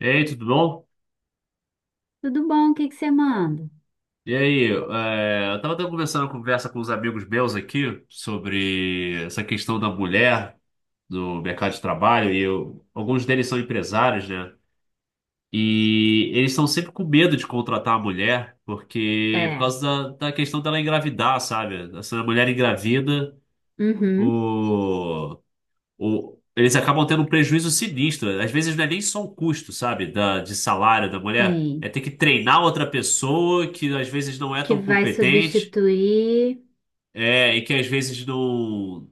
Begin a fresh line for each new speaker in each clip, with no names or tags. E aí, tudo bom?
Tudo bom? O que que você manda?
E aí, eu tava até conversando uma conversa com os amigos meus aqui sobre essa questão da mulher no mercado de trabalho, e alguns deles são empresários, né? E eles estão sempre com medo de contratar a mulher, porque por
É.
causa da questão dela engravidar, sabe? Se a mulher engravida,
Uhum,
eles acabam tendo um prejuízo sinistro. Às vezes não é nem só o custo, sabe, da, de salário da mulher. É
tem.
ter que treinar outra pessoa que às vezes não é
Que
tão
vai
competente,
substituir.
e que às vezes não.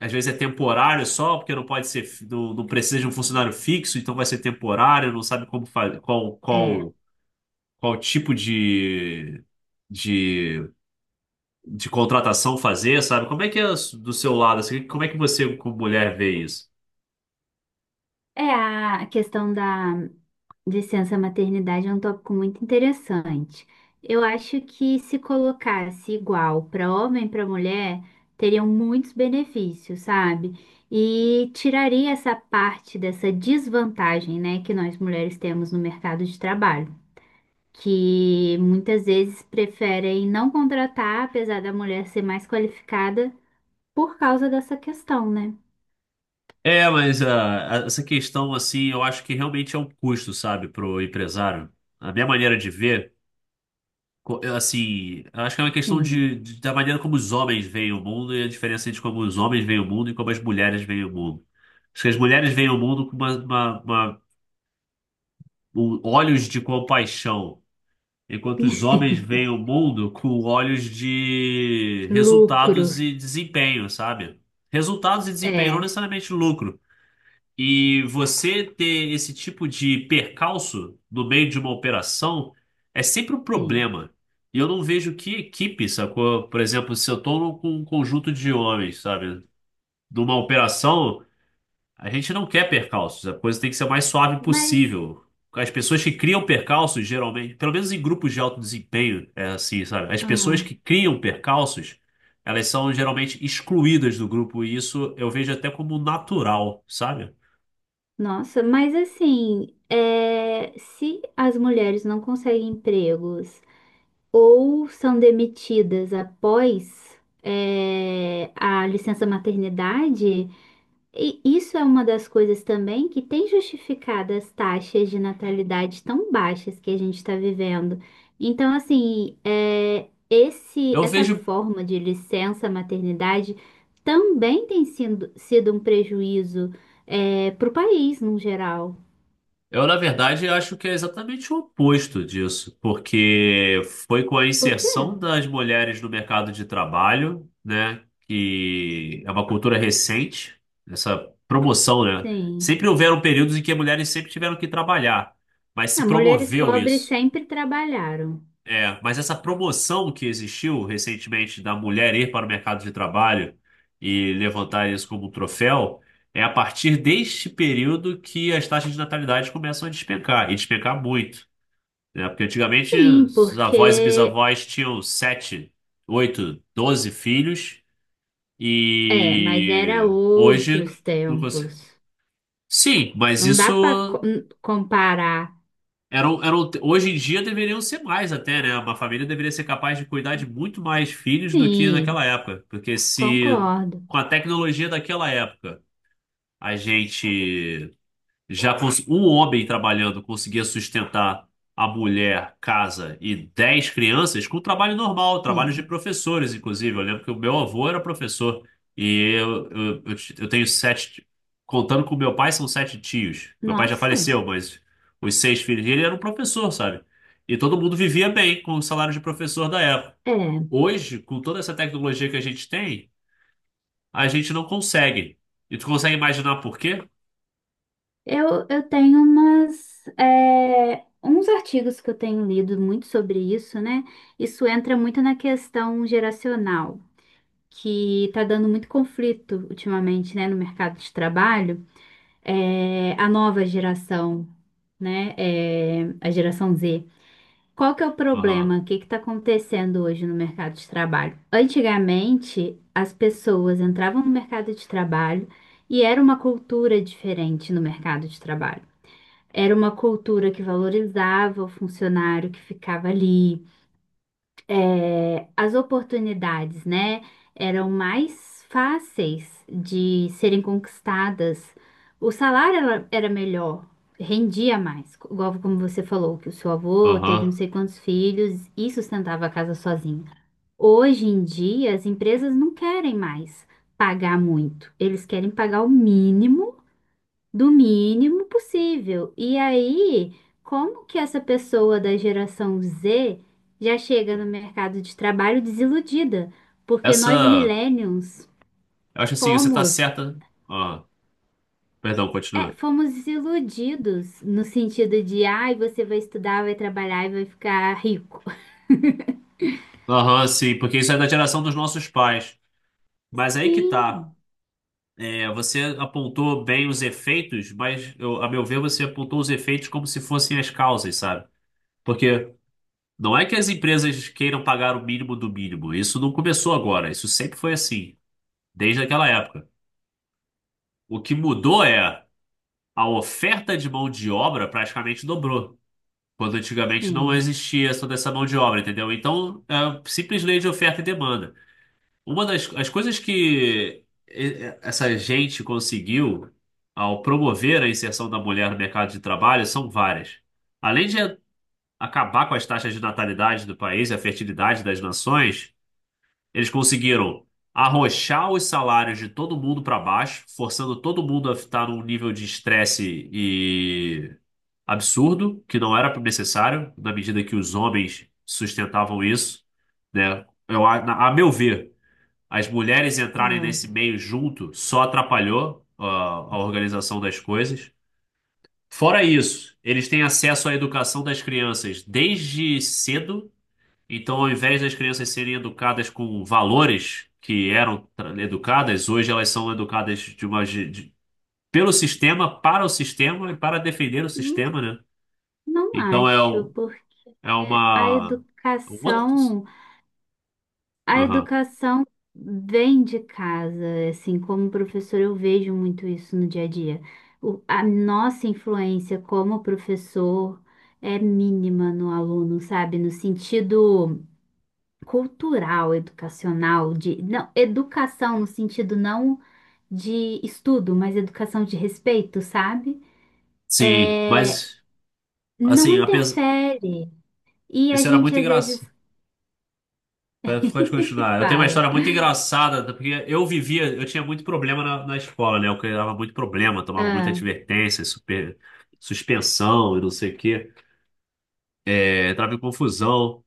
Às vezes é temporário só, porque não pode ser, não precisa de um funcionário fixo, então vai ser temporário, não sabe como fazer, qual,
É.
qual, qual tipo de, de contratação fazer, sabe? Como é que é do seu lado, assim, como é que você, como mulher, vê isso?
A questão da licença maternidade é um tópico muito interessante. Eu acho que se colocasse igual para homem e para mulher, teriam muitos benefícios, sabe? E tiraria essa parte dessa desvantagem, né, que nós mulheres temos no mercado de trabalho. Que muitas vezes preferem não contratar, apesar da mulher ser mais qualificada, por causa dessa questão, né?
É, mas essa questão, assim, eu acho que realmente é um custo, sabe, pro empresário. A minha maneira de ver, eu, assim, eu acho que é uma questão
Sim.
de, da maneira como os homens veem o mundo e a diferença entre como os homens veem o mundo e como as mulheres veem o mundo. Acho que as mulheres veem o mundo com olhos de compaixão, enquanto os homens veem o mundo com olhos de
Lucro,
resultados e desempenho, sabe? Resultados e desempenho, não
é,
necessariamente lucro. E você ter esse tipo de percalço no meio de uma operação é sempre um
sim.
problema. E eu não vejo que equipe, sacou? Por exemplo, se eu estou com um conjunto de homens, sabe? Numa operação, a gente não quer percalços. A coisa tem que ser o mais suave
Mas,
possível. As pessoas que criam percalços, geralmente, pelo menos em grupos de alto desempenho, é assim, sabe? As pessoas
ah,
que criam percalços, elas são geralmente excluídas do grupo. E isso eu vejo até como natural, sabe?
nossa, mas assim, é, se as mulheres não conseguem empregos ou são demitidas após, é, a licença maternidade, e isso é uma das coisas também que tem justificado as taxas de natalidade tão baixas que a gente está vivendo. Então, assim, é,
Eu
essa
vejo
forma de licença maternidade também tem sido um prejuízo para o país, no geral.
Eu, na verdade, acho que é exatamente o oposto disso, porque foi com a
Por quê?
inserção das mulheres no mercado de trabalho, né, que é uma cultura recente, essa promoção, né?
Sim.
Sempre houveram períodos em que as mulheres sempre tiveram que trabalhar, mas se
Ah, mulheres
promoveu
pobres
isso.
sempre trabalharam.
É, mas essa promoção que existiu recentemente da mulher ir para o mercado de trabalho e levantar isso como um troféu, é a partir deste período que as taxas de natalidade começam a despencar, e despencar muito, né? Porque antigamente
Sim,
os avós e
porque
bisavós tinham 7, 8, 12 filhos
é, mas era
e hoje
outros
não consegue.
tempos.
Sim, mas
Não
isso.
dá para comparar.
Eram, hoje em dia deveriam ser mais até, né? Uma família deveria ser capaz de cuidar de muito mais filhos do que naquela
Sim,
época. Porque se
concordo.
com a tecnologia daquela época a gente já cons- um homem trabalhando conseguia sustentar a mulher, casa e 10 crianças com trabalho normal, trabalho de
Sim.
professores, inclusive. Eu lembro que o meu avô era professor e eu tenho sete, contando com meu pai, são sete tios. Meu pai já
Nossa,
faleceu, mas os seis filhos dele eram professor, sabe? E todo mundo vivia bem com o salário de professor da época.
é.
Hoje, com toda essa tecnologia que a gente tem, a gente não consegue. E tu consegue imaginar por quê?
Eu tenho umas, é, uns artigos que eu tenho lido muito sobre isso, né? Isso entra muito na questão geracional, que está dando muito conflito ultimamente, né, no mercado de trabalho. É, a nova geração, né? É, a geração Z. Qual que é o problema?
Aham,
O que está acontecendo hoje no mercado de trabalho? Antigamente, as pessoas entravam no mercado de trabalho e era uma cultura diferente no mercado de trabalho. Era uma cultura que valorizava o funcionário que ficava ali, é, as oportunidades, né, eram mais fáceis de serem conquistadas. O salário era melhor, rendia mais, igual como você falou, que o seu avô teve não
aham.
sei quantos filhos e sustentava a casa sozinho. Hoje em dia, as empresas não querem mais pagar muito, eles querem pagar o mínimo do mínimo possível. E aí, como que essa pessoa da geração Z já chega no mercado de trabalho desiludida? Porque nós
Essa.
millennials
Eu acho assim, você tá
fomos,
certa. Ah, perdão,
é,
continua.
fomos desiludidos no sentido de, ai, você vai estudar, vai trabalhar e vai ficar rico.
Aham, sim, porque isso é da geração dos nossos pais. Mas aí que tá.
Sim,
É, você apontou bem os efeitos, mas a meu ver, você apontou os efeitos como se fossem as causas, sabe? Porque não é que as empresas queiram pagar o mínimo do mínimo. Isso não começou agora. Isso sempre foi assim, desde aquela época. O que mudou é a oferta de mão de obra praticamente dobrou. Quando antigamente não
sim.
existia toda essa mão de obra, entendeu? Então, é a simples lei de oferta e demanda. Uma das as coisas que essa gente conseguiu ao promover a inserção da mulher no mercado de trabalho são várias. Além de acabar com as taxas de natalidade do país e a fertilidade das nações, eles conseguiram arrochar os salários de todo mundo para baixo, forçando todo mundo a estar num nível de estresse absurdo, que não era necessário, na medida que os homens sustentavam isso, né? A meu ver, as mulheres entrarem nesse
Ah,
meio junto só atrapalhou a organização das coisas. Fora isso, eles têm acesso à educação das crianças desde cedo, então ao invés das crianças serem educadas com valores que eram educadas, hoje elas são educadas de uma, ge- de- pelo sistema, para o sistema e para defender o
hum,
sistema, né?
não
Então é
acho,
um.
porque
É
a
uma. Outros.
educação a
Aham.
educação vem de casa, assim, como professor eu vejo muito isso no dia a dia. A nossa influência como professor é mínima no aluno, sabe? No sentido cultural, educacional, de, não, educação no sentido não de estudo, mas educação de respeito, sabe?
Sim,
É,
mas
não
assim, apesar,
interfere. E a
isso era
gente
muito
às vezes
engraçado. Pode continuar. Eu tenho uma
fala,
história muito engraçada, porque eu tinha muito problema na escola, né? Eu criava muito problema, tomava muita
ah,
advertência, super, suspensão e não sei o quê. É, entrava em confusão.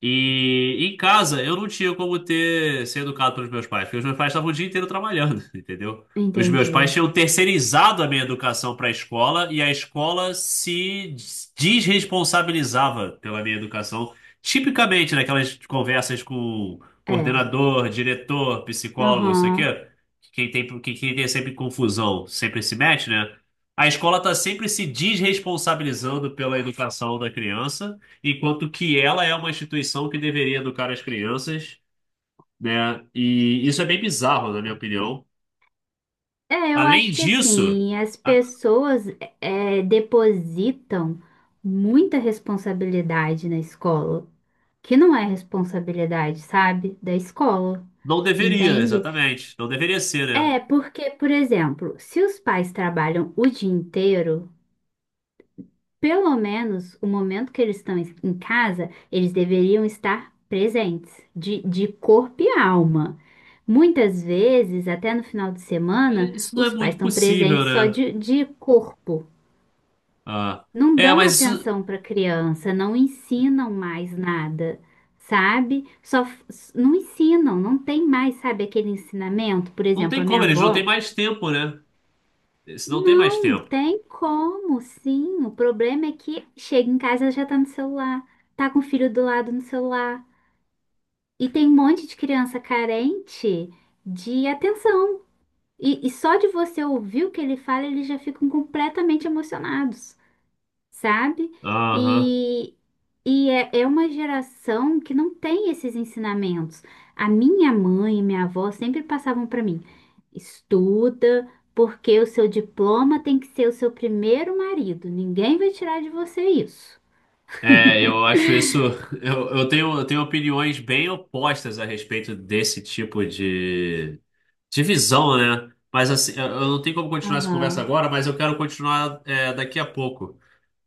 E em casa eu não tinha como ter ser educado pelos meus pais, porque os meus pais estavam o dia inteiro trabalhando, entendeu? Os meus pais
entendi.
tinham terceirizado a minha educação para a escola e a escola se desresponsabilizava pela minha educação, tipicamente naquelas conversas com
É,
coordenador, diretor, psicólogo, isso aqui,
aham.
que quem tem sempre confusão, sempre se mete, né? A escola está sempre se desresponsabilizando pela educação da criança. Enquanto que ela é uma instituição que deveria educar as crianças, né? E isso é bem bizarro, na minha opinião.
É, eu
Além
acho que
disso,
assim, as
a-
pessoas é, depositam muita responsabilidade na escola, que não é responsabilidade, sabe, da escola,
não deveria,
entende?
exatamente. Não deveria ser, né?
É, porque, por exemplo, se os pais trabalham o dia inteiro, pelo menos o momento que eles estão em casa, eles deveriam estar presentes, de corpo e alma. Muitas vezes, até no final de
É,
semana,
isso não é
os pais
muito
estão
possível,
presentes só
né?
de corpo.
Ah,
Não
é,
dão
mas isso
atenção para a criança, não ensinam mais nada, sabe? Não ensinam, não tem mais, sabe, aquele ensinamento. Por
não
exemplo,
tem
a minha
como, eles não têm
avó,
mais tempo, né? Eles não têm mais
não
tempo.
tem como, sim. O problema é que chega em casa ela já tá no celular, tá com o filho do lado no celular. E tem um monte de criança carente de atenção. E só de você ouvir o que ele fala, eles já ficam completamente emocionados. Sabe?
Aham.
E, e é, é uma geração que não tem esses ensinamentos. A minha mãe e minha avó sempre passavam para mim: estuda, porque o seu diploma tem que ser o seu primeiro marido. Ninguém vai tirar de você isso.
É, eu acho isso. Eu tenho opiniões bem opostas a respeito desse tipo de divisão, né? Mas assim, eu não tenho como continuar essa conversa
Aham,
agora, mas eu quero continuar daqui a pouco.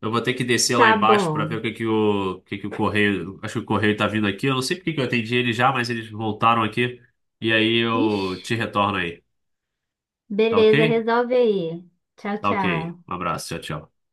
Eu vou ter que descer lá
tá
embaixo para ver
bom.
o que que o correio. Acho que o correio tá vindo aqui. Eu não sei por que que eu atendi ele já, mas eles voltaram aqui. E aí
Ixi,
eu te retorno aí. Tá, OK?
beleza, resolve aí. Tchau,
Tá, OK.
tchau.
Um abraço. Tchau, tchau.